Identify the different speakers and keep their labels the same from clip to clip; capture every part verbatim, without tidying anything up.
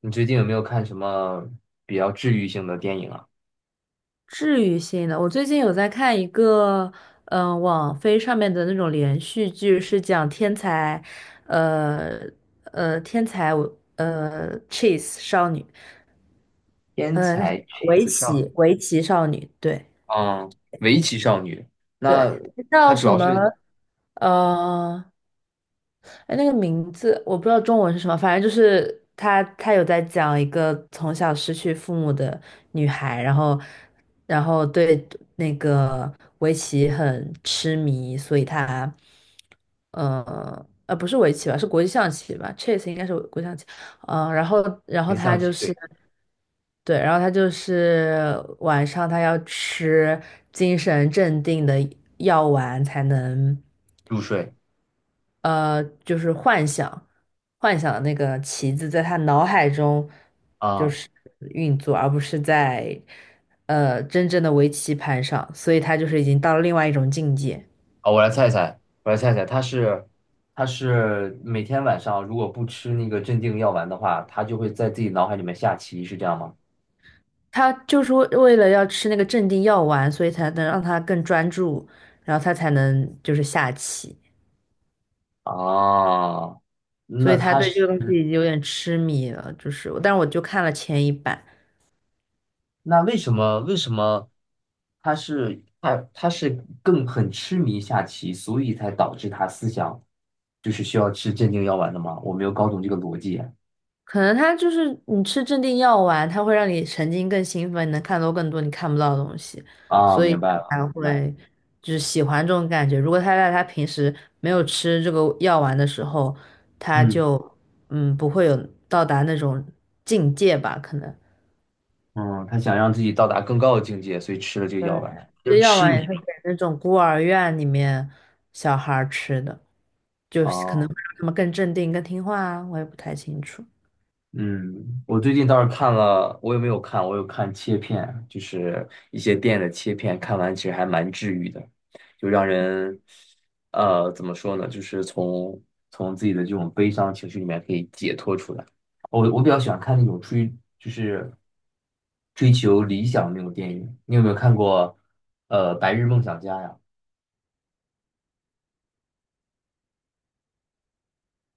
Speaker 1: 你最近有没有看什么比较治愈性的电影啊？
Speaker 2: 治愈性的，我最近有在看一个，嗯、网飞上面的那种连续剧，是讲天才，呃呃，天才呃 chess 少女。
Speaker 1: 天
Speaker 2: 呃，那是
Speaker 1: 才 c
Speaker 2: 围
Speaker 1: 子 e e s 少，
Speaker 2: 棋围棋少女。对
Speaker 1: 嗯，围棋少女。那
Speaker 2: 对，
Speaker 1: 它
Speaker 2: 叫
Speaker 1: 主
Speaker 2: 什
Speaker 1: 要
Speaker 2: 么？
Speaker 1: 是
Speaker 2: 呃，哎，那个名字我不知道中文是什么，反正就是他，他有在讲一个从小失去父母的女孩，然后，然后对那个围棋很痴迷，所以她，呃，呃，不是围棋吧，是国际象棋吧，chess 应该是国际象棋。嗯、呃然后，然后
Speaker 1: 不
Speaker 2: 他
Speaker 1: 象
Speaker 2: 就
Speaker 1: 棋？
Speaker 2: 是
Speaker 1: 对。
Speaker 2: 对，然后他就是晚上他要吃精神镇定的药丸才能。
Speaker 1: 入睡。
Speaker 2: 呃，就是幻想，幻想的那个棋子在他脑海中就
Speaker 1: 啊，
Speaker 2: 是运作，而不是在呃真正的围棋盘上，所以他就是已经到了另外一种境界。
Speaker 1: 好，我来猜一猜，我来猜一猜，它是它是每天晚上如果不吃那个镇定药丸的话，它就会在自己脑海里面下棋，是这样吗？
Speaker 2: 他就是为为了要吃那个镇定药丸，所以才能让他更专注，然后他才能就是下棋，
Speaker 1: 啊，
Speaker 2: 所
Speaker 1: 那
Speaker 2: 以他
Speaker 1: 它
Speaker 2: 对这
Speaker 1: 是。
Speaker 2: 个东西已经有点痴迷了，就是，但是我就看了前一版。
Speaker 1: 那为什么为什么他是他他是更很痴迷下棋，所以才导致他思想就是需要吃镇定药丸的吗？我没有搞懂这个逻辑。
Speaker 2: 可能他就是你吃镇定药丸，它会让你神经更兴奋，你能看到更多你看不到的东西，
Speaker 1: 啊，
Speaker 2: 所以
Speaker 1: 明白了，
Speaker 2: 它才
Speaker 1: 明白了，
Speaker 2: 会就是喜欢这种感觉。如果他在他平时没有吃这个药丸的时候，他
Speaker 1: 嗯
Speaker 2: 就嗯不会有到达那种境界吧？可能
Speaker 1: 嗯，他想让自己到达更高的境界，所以吃了这个
Speaker 2: 对，
Speaker 1: 药丸，就是
Speaker 2: 这药
Speaker 1: 痴
Speaker 2: 丸也
Speaker 1: 迷
Speaker 2: 是
Speaker 1: 嘛。
Speaker 2: 给那种孤儿院里面小孩儿吃的，就是可能
Speaker 1: 啊。
Speaker 2: 会让他们更镇定、更听话啊，我也不太清楚。
Speaker 1: 嗯，我最近倒是看了，我有没有看？我有看切片，就是一些电影的切片，看完其实还蛮治愈的，就让人，呃，怎么说呢？就是从从自己的这种悲伤情绪里面可以解脱出来。我我比较喜欢看那种追，就是追求理想的那种电影。你有没有看过，呃，《白日梦想家》呀？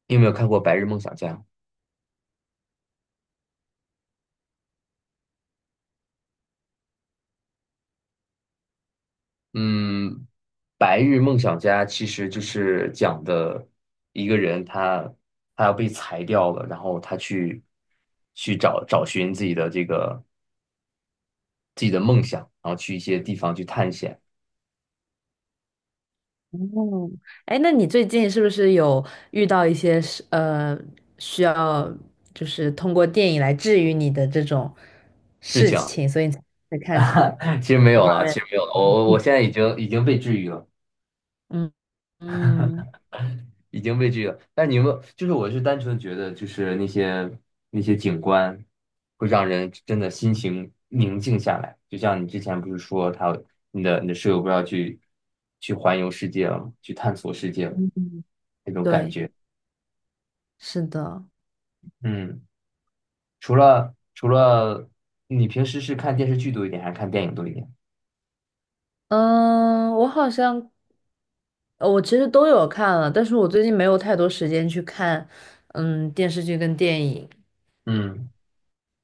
Speaker 1: 你有没有看过《白日梦想家》？嗯，《白日梦想家》其实就是讲的一个人他，他要被裁掉了，然后他去去找找寻自己的这个自己的梦想，然后去一些地方去探险。
Speaker 2: 哦，哎，那你最近是不是有遇到一些是呃需要就是通过电影来治愈你的这种
Speaker 1: 是
Speaker 2: 事
Speaker 1: 讲，
Speaker 2: 情，所以你才会看这
Speaker 1: 其实没有
Speaker 2: 方
Speaker 1: 了，
Speaker 2: 面
Speaker 1: 其实没有了，我我我
Speaker 2: 的？
Speaker 1: 现在 已经已经被治愈了。
Speaker 2: 嗯嗯，
Speaker 1: 已经被这个，但你们就是，我是单纯觉得，就是那些那些景观会让人真的心情宁静下来。就像你之前不是说他你的你的室友不是要去去环游世界了吗，去探索世界了那种感
Speaker 2: 对，
Speaker 1: 觉。
Speaker 2: 是的。
Speaker 1: 嗯，除了除了你平时是看电视剧多一点，还是看电影多一点？
Speaker 2: 嗯，我好像呃我其实都有看了，但是我最近没有太多时间去看嗯电视剧跟电影，
Speaker 1: 嗯，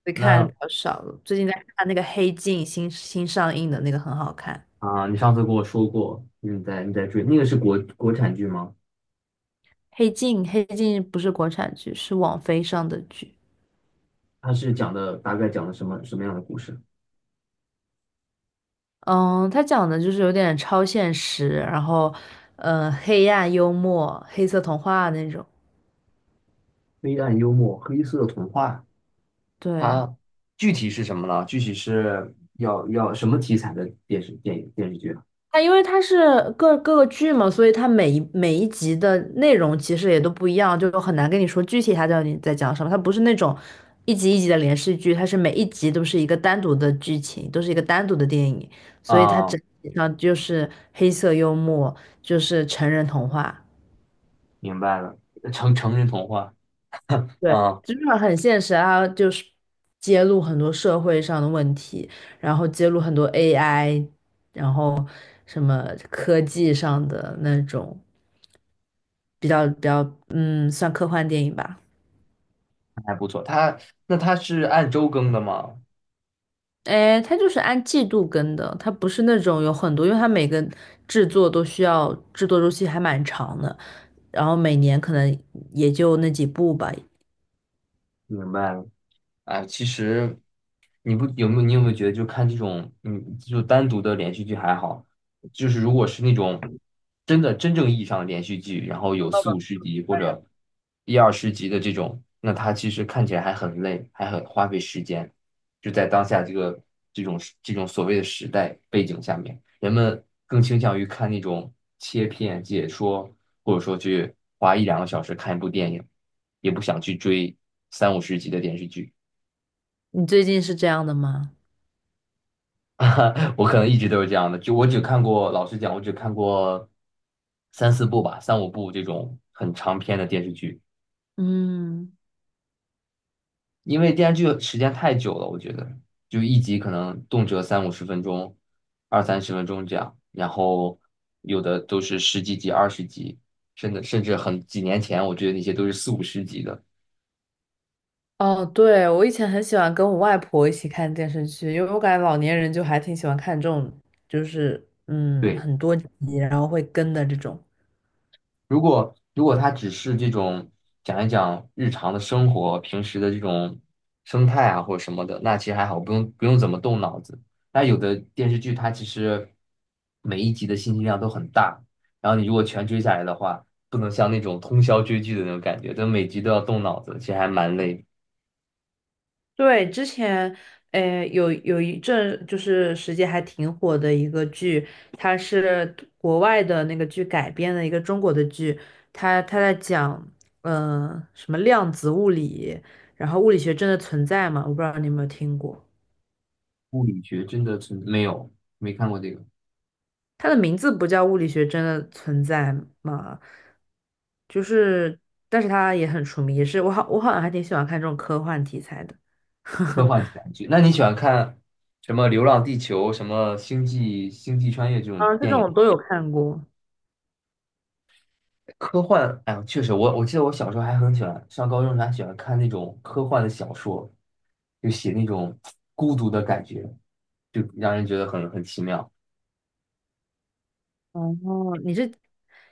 Speaker 2: 会看的
Speaker 1: 那
Speaker 2: 比较少了。最近在看那个《黑镜》，新新上映的那个很好看。
Speaker 1: 啊、你上次跟我说过你在你在追那个是国国产剧吗？
Speaker 2: 黑镜，黑镜不是国产剧，是网飞上的剧。
Speaker 1: 它是讲的大概讲的什么什么样的故事？
Speaker 2: 嗯，它讲的就是有点超现实，然后，呃，黑暗幽默、黑色童话那种。
Speaker 1: 黑暗幽默，黑色童话，
Speaker 2: 对，
Speaker 1: 它具体是什么呢？具体是要要什么题材的电视电影电视剧
Speaker 2: 它因为它是各各个剧嘛，所以它每一每一集的内容其实也都不一样，就很难跟你说具体它到底在讲什么。它不是那种一集一集的连续剧，它是每一集都是一个单独的剧情，都是一个单独的电影，所以它
Speaker 1: 啊？啊，
Speaker 2: 整体上就是黑色幽默，就是成人童话。
Speaker 1: 明白了，成成人童话
Speaker 2: 对，
Speaker 1: 啊，
Speaker 2: 真的很现实啊，就是揭露很多社会上的问题，然后揭露很多 A I,然后什么科技上的那种比较比较，嗯，算科幻电影吧。
Speaker 1: 还不错。它那它是按周更的吗？
Speaker 2: 哎，它就是按季度更的，它不是那种有很多，因为它每个制作都需要制作周期还蛮长的，然后每年可能也就那几部吧。
Speaker 1: 明白了。哎，其实你不有没有你有没有觉得，就看这种嗯，就单独的连续剧还好，就是如果是那种真的真正意义上的连续剧，然后有四五十集或者一二十集的这种，那它其实看起来还很累，还很花费时间。就在当下这个这种时这种所谓的时代背景下面，人们更倾向于看那种切片解说，或者说去花一两个小时看一部电影，也不想去追三五十集的电视剧。
Speaker 2: 你最近是这样的吗？
Speaker 1: 我可能一直都是这样的，就我只看过，老实讲，我只看过三四部吧，三五部这种很长篇的电视剧，
Speaker 2: 嗯。
Speaker 1: 因为电视剧时间太久了，我觉得就一集可能动辄三五十分钟，二三十分钟这样，然后有的都是十几集、二十集，甚至甚至很几年前，我觉得那些都是四五十集的。
Speaker 2: 哦，对，我以前很喜欢跟我外婆一起看电视剧，因为我感觉老年人就还挺喜欢看这种，就是嗯
Speaker 1: 对。
Speaker 2: 很多集，然后会跟的这种。
Speaker 1: 如果如果他只是这种讲一讲日常的生活、平时的这种生态啊或者什么的，那其实还好，不用不用怎么动脑子。那有的电视剧它其实每一集的信息量都很大，然后你如果全追下来的话，不能像那种通宵追剧的那种感觉，但每集都要动脑子，其实还蛮累。
Speaker 2: 对，之前呃有有一阵就是时间还挺火的一个剧，它是国外的那个剧改编的一个中国的剧，它它在讲嗯、呃什么量子物理，然后物理学真的存在吗？我不知道你有没有听过。
Speaker 1: 物理学真的存。没有，没看过这个。
Speaker 2: 它的名字不叫物理学真的存在吗？就是，但是它也很出名，也是我好我好像还挺喜欢看这种科幻题材的。
Speaker 1: 科幻题 材剧，那你喜欢看什么《流浪地球》、什么《星际星际穿越》这种
Speaker 2: 嗯，这
Speaker 1: 电
Speaker 2: 种
Speaker 1: 影？
Speaker 2: 我都有看过。
Speaker 1: 科幻，哎呀，确实，我我记得我小时候还很喜欢，上高中时候还喜欢看那种科幻的小说，就写那种孤独的感觉，就让人觉得很很奇妙。
Speaker 2: 哦，你是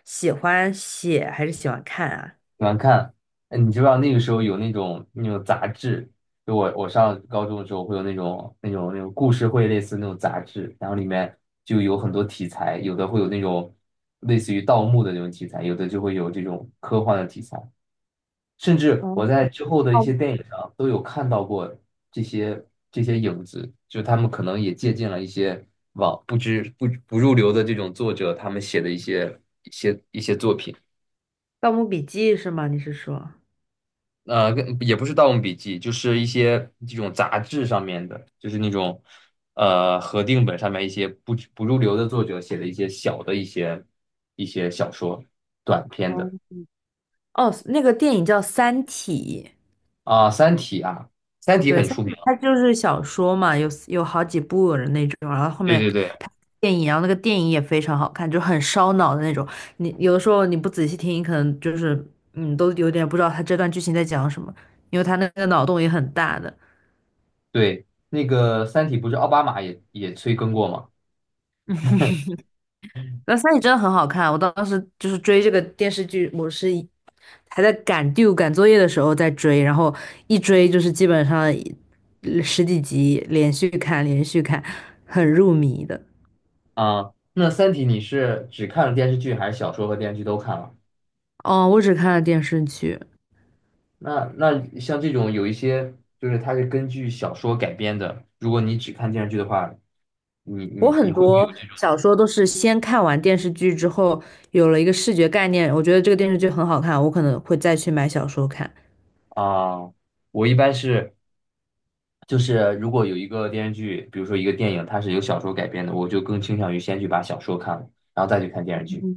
Speaker 2: 喜欢写还是喜欢看啊？
Speaker 1: 喜欢看，哎，你知不知道那个时候有那种那种杂志？就我我上高中的时候会有那种那种那种故事会类似那种杂志，然后里面就有很多题材，有的会有那种类似于盗墓的那种题材，有的就会有这种科幻的题材。甚至我
Speaker 2: 哦，
Speaker 1: 在之后的一些电影上都有看到过这些这些影子，就他们可能也借鉴了一些网不知不不入流的这种作者他们写的一些一些一些作品，
Speaker 2: 《盗墓笔记》是吗？你是说？
Speaker 1: 呃，跟也不是《盗墓笔记》，就是一些这种杂志上面的，就是那种呃合订本上面一些不不入流的作者写的一些小的一些一些小说短篇
Speaker 2: 哦，
Speaker 1: 的。
Speaker 2: 哦，那个电影叫《三体》。
Speaker 1: 啊，三体》啊，《三体》
Speaker 2: 对，
Speaker 1: 很
Speaker 2: 三
Speaker 1: 出
Speaker 2: 体
Speaker 1: 名，
Speaker 2: 它就是小说嘛，有有好几部的那种，然后后
Speaker 1: 对
Speaker 2: 面
Speaker 1: 对对。
Speaker 2: 拍电影，然后那个电影也非常好看，就很烧脑的那种。你有的时候你不仔细听，你可能就是嗯，都有点不知道他这段剧情在讲什么，因为他那个脑洞也很大的。
Speaker 1: 对，那个《三体》不是奥巴马也也催更过吗？
Speaker 2: 那三体真的很好看，我当时就是追这个电视剧，我是一还在赶 due 赶作业的时候在追，然后一追就是基本上一十几集连续看，连续看，很入迷的。
Speaker 1: 啊，那《三体》你是只看了电视剧，还是小说和电视剧都看了？
Speaker 2: 哦，我只看了电视剧。
Speaker 1: 那那像这种有一些就是它是根据小说改编的，如果你只看电视剧的话，你
Speaker 2: 我
Speaker 1: 你你
Speaker 2: 很
Speaker 1: 会不会
Speaker 2: 多
Speaker 1: 有这种
Speaker 2: 小说都是先看完电视剧之后，有了一个视觉概念，我觉得这个电视剧很好看，我可能会再去买小说看。
Speaker 1: 啊？我一般是就是如果有一个电视剧，比如说一个电影，它是由小说改编的，我就更倾向于先去把小说看了，然后再去看电视剧。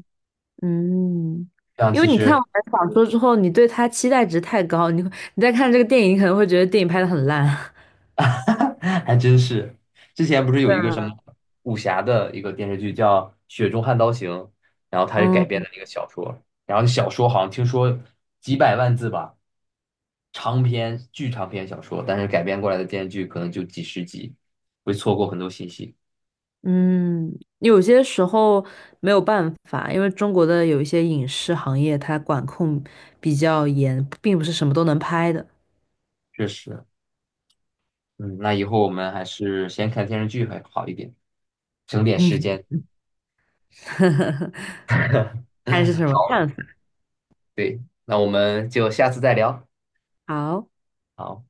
Speaker 2: 嗯，
Speaker 1: 这样
Speaker 2: 因为
Speaker 1: 其
Speaker 2: 你看完
Speaker 1: 实
Speaker 2: 小说之后，你对它期待值太高，你会你再看这个电影，你可能会觉得电影拍的很烂。
Speaker 1: 还真是。之前不是有
Speaker 2: 对
Speaker 1: 一个什
Speaker 2: 啊，
Speaker 1: 么武侠的一个电视剧叫《雪中悍刀行》，然后它 是改编
Speaker 2: 嗯
Speaker 1: 的那个小说，然后小说好像听说几百万字吧，长篇巨长篇小说，但是改编过来的电视剧可能就几十集，会错过很多信息。
Speaker 2: 嗯，有些时候没有办法，因为中国的有一些影视行业它管控比较严，并不是什么都能拍的。
Speaker 1: 确实，嗯，那以后我们还是先看电视剧还好一点，省点时
Speaker 2: 嗯，
Speaker 1: 间。
Speaker 2: 看是 什么
Speaker 1: 好，
Speaker 2: 看法？
Speaker 1: 对，那我们就下次再聊。
Speaker 2: 好。
Speaker 1: 好。